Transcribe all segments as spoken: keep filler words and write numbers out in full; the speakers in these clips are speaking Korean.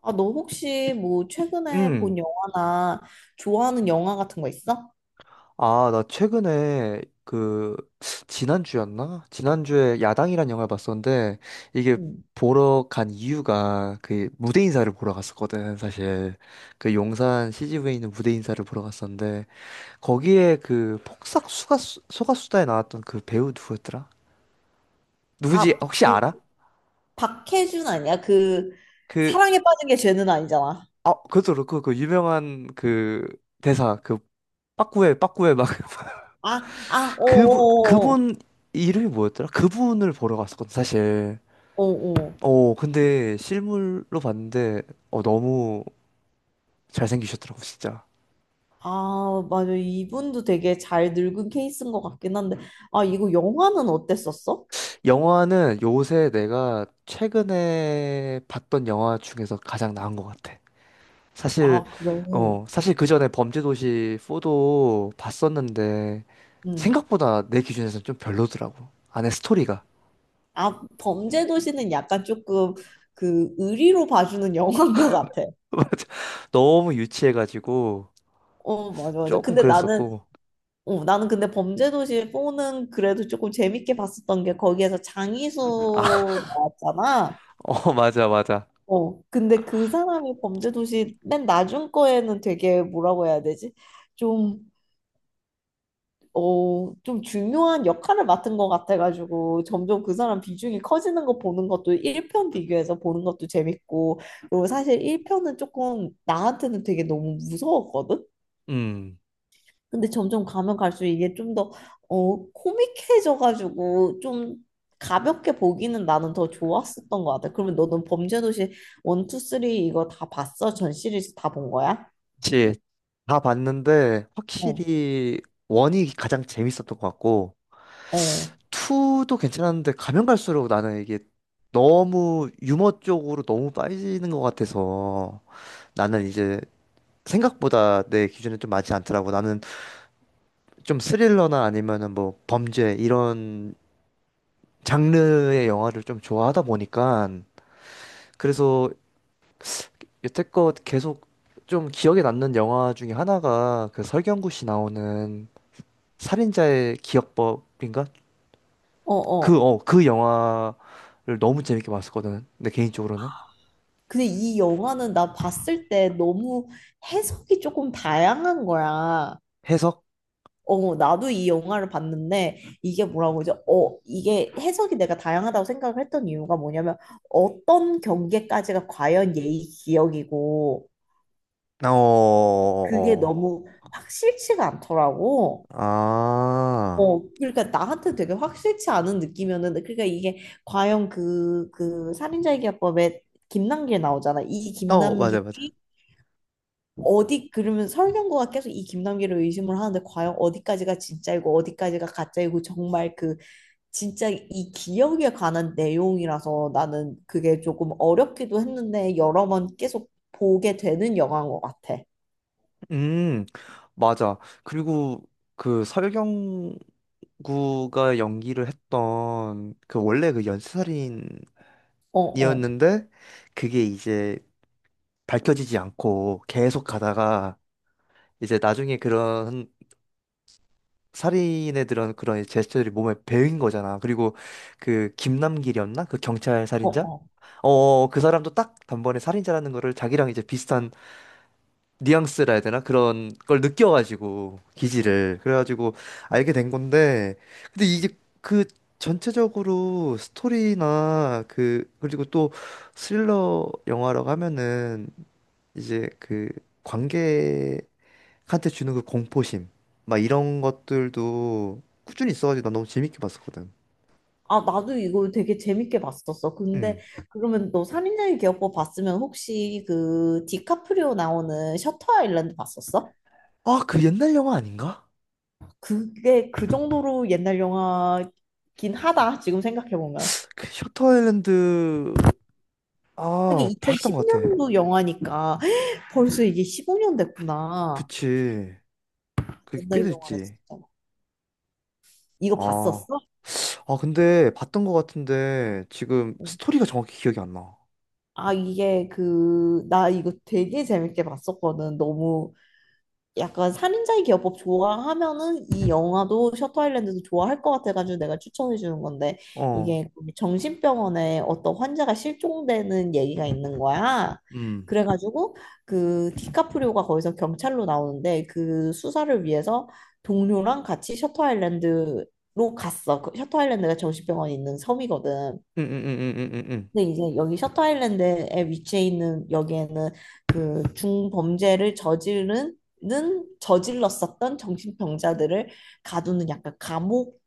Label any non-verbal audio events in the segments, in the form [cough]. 아, 너 혹시 뭐 최근에 본 음. 영화나 좋아하는 영화 같은 거 있어? 아, 나 최근에 그 지난주였나? 지난주에 야당이란 영화를 봤었는데 이게 응. 보러 간 이유가 그 무대 인사를 보러 갔었거든, 사실. 그 용산 씨지비에 있는 무대 인사를 보러 갔었는데 거기에 그 폭싹 소가수, 소가수다에 나왔던 그 배우 누구였더라? 누구지? 가, 혹시 그 알아? 박해준 아니야? 그 그 사랑에 빠진 게 죄는 아니잖아. 아, 그것도 그렇고 그 유명한 그 대사 그 빠꾸에 빠꾸에 막 [laughs] 아, 아, 그분, 오 오 그분 이름이 뭐였더라? 그분을 보러 갔었거든, 사실. 오 오 오. 어, 근데 실물로 봤는데, 어, 너무 잘생기셨더라고, 진짜. 아, 맞아. 이분도 되게 잘 늙은 케이스인 것 같긴 한데. 아, 이거 영화는 어땠었어? 영화는 요새 내가 최근에 봤던 영화 중에서 가장 나은 것 같아. 사실, 아, 그래. 어, 사실 그 전에 범죄도시 사도 봤었는데, 음. 생각보다 내 기준에서는 좀 별로더라고. 안에 스토리가. 아, 범죄도시는 약간 조금 그 의리로 봐주는 [laughs] 영화인 것 같아. [laughs] 맞아. 너무 유치해가지고, 어, 맞아, 맞아. 조금 근데 나는, 그랬었고. 어, 나는 근데 범죄도시 보는 그래도 조금 재밌게 봤었던 게 거기에서 아, 장이수 나왔잖아. [laughs] 어, 맞아, 맞아. 어, 근데 그 사람이 범죄도시 맨 나중 거에는 되게 뭐라고 해야 되지? 좀, 어, 좀 중요한 역할을 맡은 것 같아가지고 점점 그 사람 비중이 커지는 거 보는 것도 일 편 비교해서 보는 것도 재밌고, 그리고 사실 일 편은 조금 나한테는 되게 너무 무서웠거든? 음, 근데 점점 가면 갈수록 이게 좀 더, 어, 코믹해져가지고 좀 가볍게 보기는 나는 더 좋았었던 것 같아. 그러면 너는 범죄도시 일, 이, 삼 이거 다 봤어? 전 시리즈 다 본 거야? 그치. 다 봤는데 어, 확실히 원이 가장 재밌었던 것 같고 어, 투도 괜찮았는데 가면 갈수록 나는 이게 너무 유머 쪽으로 너무 빠지는 것 같아서 나는 이제 생각보다 내 기준에 좀 맞지 않더라고. 나는 좀 스릴러나 아니면은 뭐 범죄 이런 장르의 영화를 좀 좋아하다 보니까 그래서 여태껏 계속 좀 기억에 남는 영화 중에 하나가 그 설경구 씨 나오는 살인자의 기억법인가? 어, 그, 어. 어, 그 영화를 너무 재밌게 봤었거든. 내 개인적으로는. 근데 이 영화는 나 봤을 때 너무 해석이 조금 다양한 거야. 해석? 어, 나도 이 영화를 봤는데 이게 뭐라고 그러죠? 어, 이게 해석이 내가 다양하다고 생각을 했던 이유가 뭐냐면 어떤 경계까지가 과연 예의 기억이고 어, 어, 그게 어. 너무 확실치가 않더라고. 아, 어, 그러니까 나한테 되게 확실치 않은 느낌이었는데 그러니까 이게 과연 그, 그 살인자의 기합법에 김남길 나오잖아. 이 어, 맞아, 맞아. 김남길이 어디 그러면 설경구가 계속 이 김남길을 의심을 하는데 과연 어디까지가 진짜이고 어디까지가 가짜이고 정말 그 진짜 이 기억에 관한 내용이라서 나는 그게 조금 어렵기도 했는데 여러 번 계속 보게 되는 영화인 것 같아. 음, 맞아. 그리고 그 설경구가 연기를 했던 그 원래 그 연쇄살인이었는데 어, 어, 그게 이제 밝혀지지 않고 계속 가다가 이제 나중에 그런 살인에 들은 그런 제스처들이 몸에 배인 거잖아. 그리고 그 김남길이었나? 그 경찰 어, 살인자? 어. 어, 그 사람도 딱 단번에 살인자라는 거를 자기랑 이제 비슷한 뉘앙스라 해야 되나? 그런 걸 느껴가지고, 기질을. 그래가지고 알게 된 건데, 근데 이게 그 전체적으로 스토리나 그, 그리고 또 스릴러 영화라고 하면은 이제 그 관계 한테 주는 그 공포심 막 이런 것들도 꾸준히 있어가지고 난 너무 재밌게 봤었거든. 아, 나도 이거 되게 재밌게 봤었어. 근데 음. 그러면 너 살인자의 기억법 봤으면 혹시 그 디카프리오 나오는 셔터 아일랜드 봤었어? 아, 그 옛날 영화 아닌가? 그게 그 정도로 옛날 영화긴 하다. 지금 생각해보면. 그 셔터 아일랜드 아, 하긴 봤던 것 같아. 이천십 년도 영화니까 [gasps] [laughs] 벌써 이게 십오 년 됐구나. 그치. 그게 꽤 옛날 영화네 됐지. 진짜. 이거 아, 봤었어? 아 근데 봤던 것 같은데 지금 스토리가 정확히 기억이 안 나. 아, 이게 그, 나 이거 되게 재밌게 봤었거든. 너무 약간 살인자의 기어법 좋아하면은 이 영화도 셔터 아일랜드도 좋아할 것 같아가지고 내가 추천해 주는 건데 어. 이게 정신병원에 어떤 환자가 실종되는 얘기가 있는 거야. 음. 그래가지고 그 디카프리오가 거기서 경찰로 나오는데 그 수사를 위해서 동료랑 같이 셔터 아일랜드로 갔어. 그 셔터 아일랜드가 정신병원이 있는 섬이거든. 응응응응응응. 근데 이제 여기 셔터 아일랜드에 위치해 있는 여기에는 그 중범죄를 저지르는 저질렀었던 정신병자들을 가두는 약간 감옥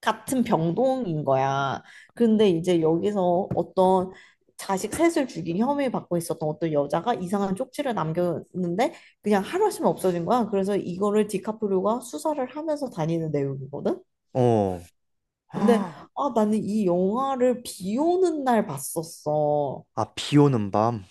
같은 병동인 거야. 근데 이제 여기서 어떤 자식 셋을 죽인 혐의 받고 있었던 어떤 여자가 이상한 쪽지를 남겼는데 그냥 하루 아침에 없어진 거야. 그래서 이거를 디카프리오가 수사를 하면서 다니는 내용이거든. 어. 근데 [gasps] 아 나는 이 영화를 비 오는 날 봤었어. 아, 비 오는 밤.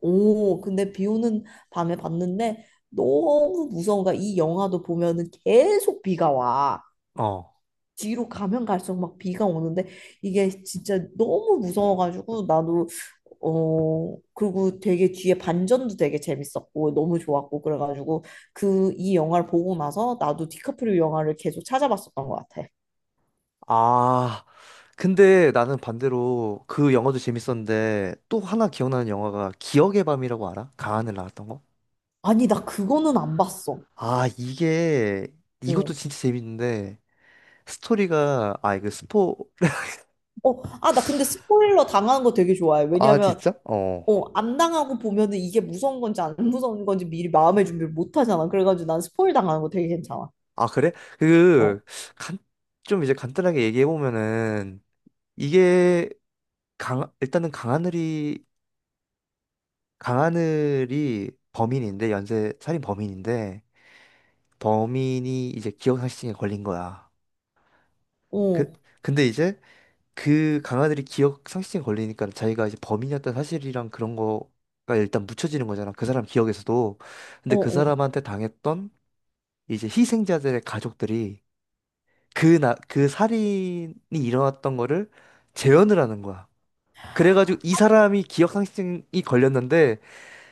오, 근데 비 오는 밤에 봤는데 너무 무서운 거야. 이 영화도 보면은 계속 비가 와. 어. 뒤로 가면 갈수록 막 비가 오는데 이게 진짜 너무 무서워가지고 나도 어, 그리고 되게 뒤에 반전도 되게 재밌었고 너무 좋았고 그래가지고 그 이 영화를 보고 나서 나도 디카프리오 영화를 계속 찾아봤었던 것 같아. 아, 근데 나는 반대로 그 영화도 재밌었는데 또 하나 기억나는 영화가 기억의 밤이라고 알아? 강하늘 나왔던 거? 아니, 나 그거는 안 봤어. 아, 이게 이것도 어. 진짜 재밌는데 스토리가 아, 이거 스포 [laughs] 어, 아, 나 근데 스포일러 당하는 거 되게 좋아해. 아, 왜냐면 진짜? 어. 어, 안 당하고 보면은 이게 무서운 건지 안 무서운 건지 미리 마음의 준비를 못 하잖아. 그래가지고 난 스포일 당하는 거 되게 괜찮아. 아, 그래? 그 어, 간 좀 이제 간단하게 얘기해 보면은 이게 강 일단은 강하늘이 강하늘이 범인인데 연쇄 살인 범인인데 범인이 이제 기억상실증에 걸린 거야. 그, 어, 근데 이제 그 강아들이 기억 상실증 걸리니까 자기가 이제 범인이었던 사실이랑 그런 거가 일단 묻혀지는 거잖아. 그 사람 기억에서도. 근데 어, 그 어. 사람한테 당했던 이제 희생자들의 가족들이 그 나, 그 살인이 일어났던 거를 재현을 하는 거야. 그래가지고 이 사람이 기억 상실증이 걸렸는데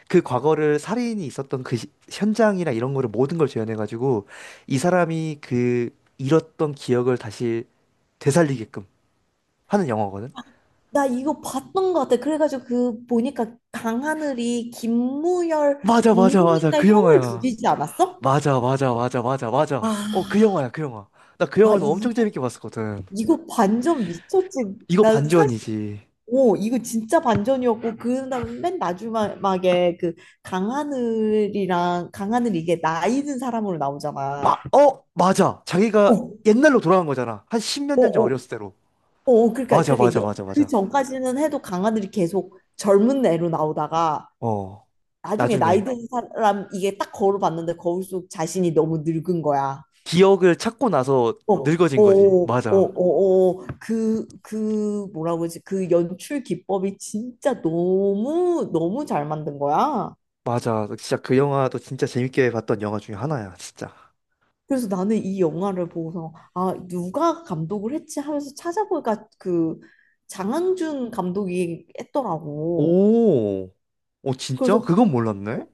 그 과거를 살인이 있었던 그 시- 현장이나 이런 거를 모든 걸 재현해가지고 이 사람이 그 잃었던 기억을 다시 되살리게끔 하는 영화거든. 나 이거 봤던 것 같아. 그래가지고 그 보니까 강하늘이 김무열 맞아, 맞아, 맞아. 동생이니까 그 형을 영화야. 죽이지 않았어? 맞아, 맞아, 맞아, 맞아, 맞아. 어, 그 아, 영화야, 그 영화. 나 그 아 영화도 엄청 이거 재밌게 봤었거든. 이거 반전 미쳤지. 이거 난 사실 반전이지. 오, 이거 진짜 반전이었고 그다음 맨 마지막에 그 강하늘이랑 강하늘 이게 나이든 사람으로 마, 나오잖아. 어, 맞아. 자기가 어, 옛날로 돌아간 거잖아. 한 십몇 어, 년 전 어, 어렸을 때로. 어, 그러니까 맞아, 그러니까 맞아, 여- 맞아, 그 맞아. 전까지는 해도 강아들이 계속 젊은 애로 나오다가 어, 나중에 나이 나중에 든 사람 이게 딱 걸어봤는데 거울 속 자신이 너무 늙은 거야. 기억을 찾고 나서 어, 어, 늙어진 어, 거지. 어, 맞아. 어, 어. 그, 그 뭐라고 그러지? 그 연출 기법이 진짜 너무 너무 잘 만든 거야. 맞아. 진짜 그 영화도 진짜 재밌게 봤던 영화 중에 하나야, 진짜. 그래서 나는 이 영화를 보고서 아, 누가 감독을 했지 하면서 찾아보니까 그 장항준 감독이 했더라고. 오, 오, 진짜? 그래서 그건 어, 몰랐네?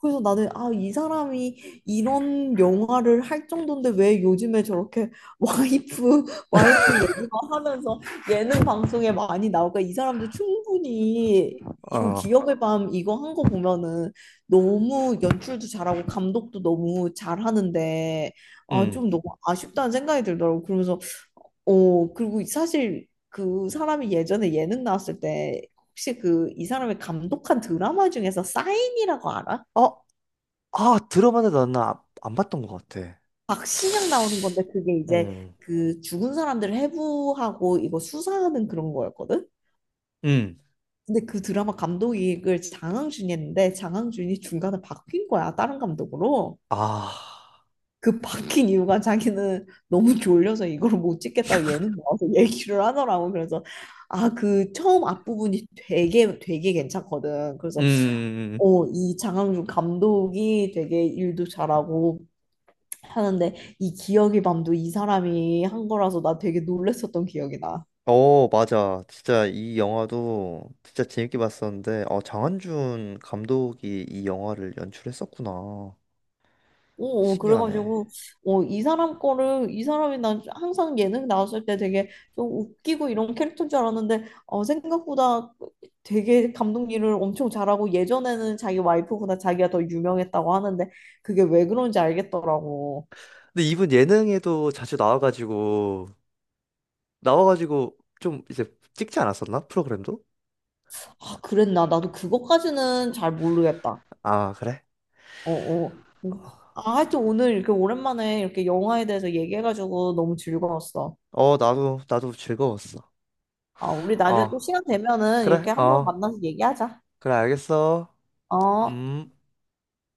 그래서 나는 아, 이 사람이 이런 영화를 할 정도인데 왜 요즘에 저렇게 [laughs] 와이프 와이프 얘기만 하면서 예능 방송에 많이 나올까? 이 사람도 충분히 이거 아, 기억의 밤 이거 한 거 보면은 너무 연출도 잘하고 감독도 너무 잘하는데 아, 응 좀 너무 아쉽다는 생각이 들더라고. 그러면서 어, 그리고 사실 그 사람이 예전에 예능 나왔을 때 혹시 그 이 사람이 감독한 드라마 중에서 싸인 이라고 알아? 어, 아, 들어봤는데 나는 아- 안 봤던 것 같아. 박신양 나오는 건데 그게 이제 어, 그 죽은 사람들을 해부하고 이거 수사하는 그런 거였거든? 음. 근데 그 드라마 감독이 장항준이 했는데 장항준이 중간에 바뀐 거야, 다른 감독으로. 아, 그 바뀐 이유가 자기는 너무 졸려서 이걸 못 찍겠다고 예능 나와서 얘기를 하더라고. 그래서 아, 그 처음 앞부분이 되게 되게 괜찮거든. 그래서 음. 어, 이 장항준 감독이 되게 일도 잘하고 하는데 이 기억의 밤도 이 사람이 한 거라서 나 되게 놀랬었던 기억이 나. 어, 맞아. 진짜 이 영화도 진짜 재밌게 봤었는데, 어, 장한준 감독이 이 영화를 연출했었구나. 어, 어, 신기하네. 그래가지고 어, 이 사람 거를 이 사람이 난 항상 예능 나왔을 때 되게 좀 웃기고 이런 캐릭터인 줄 알았는데 어, 생각보다 되게 감독 일을 엄청 잘하고 예전에는 자기 와이프보다 자기가 더 유명했다고 하는데 그게 왜 그런지 알겠더라고. 근데 이분 예능에도 자주 나와가지고, 나와가지고 좀 이제 찍지 않았었나? 프로그램도? 아, 그랬나? 나도 그것까지는 잘 모르겠다. 아, 그래? 어, 어. 음. 아, 하여튼 오늘 이렇게 오랜만에 이렇게 영화에 대해서 얘기해가지고 너무 즐거웠어. 어, 나도, 나도 즐거웠어. 아, 우리 나중에 어, 또 시간 되면은 그래? 이렇게 한번 어, 만나서 얘기하자. 그래, 알겠어. 어. 음.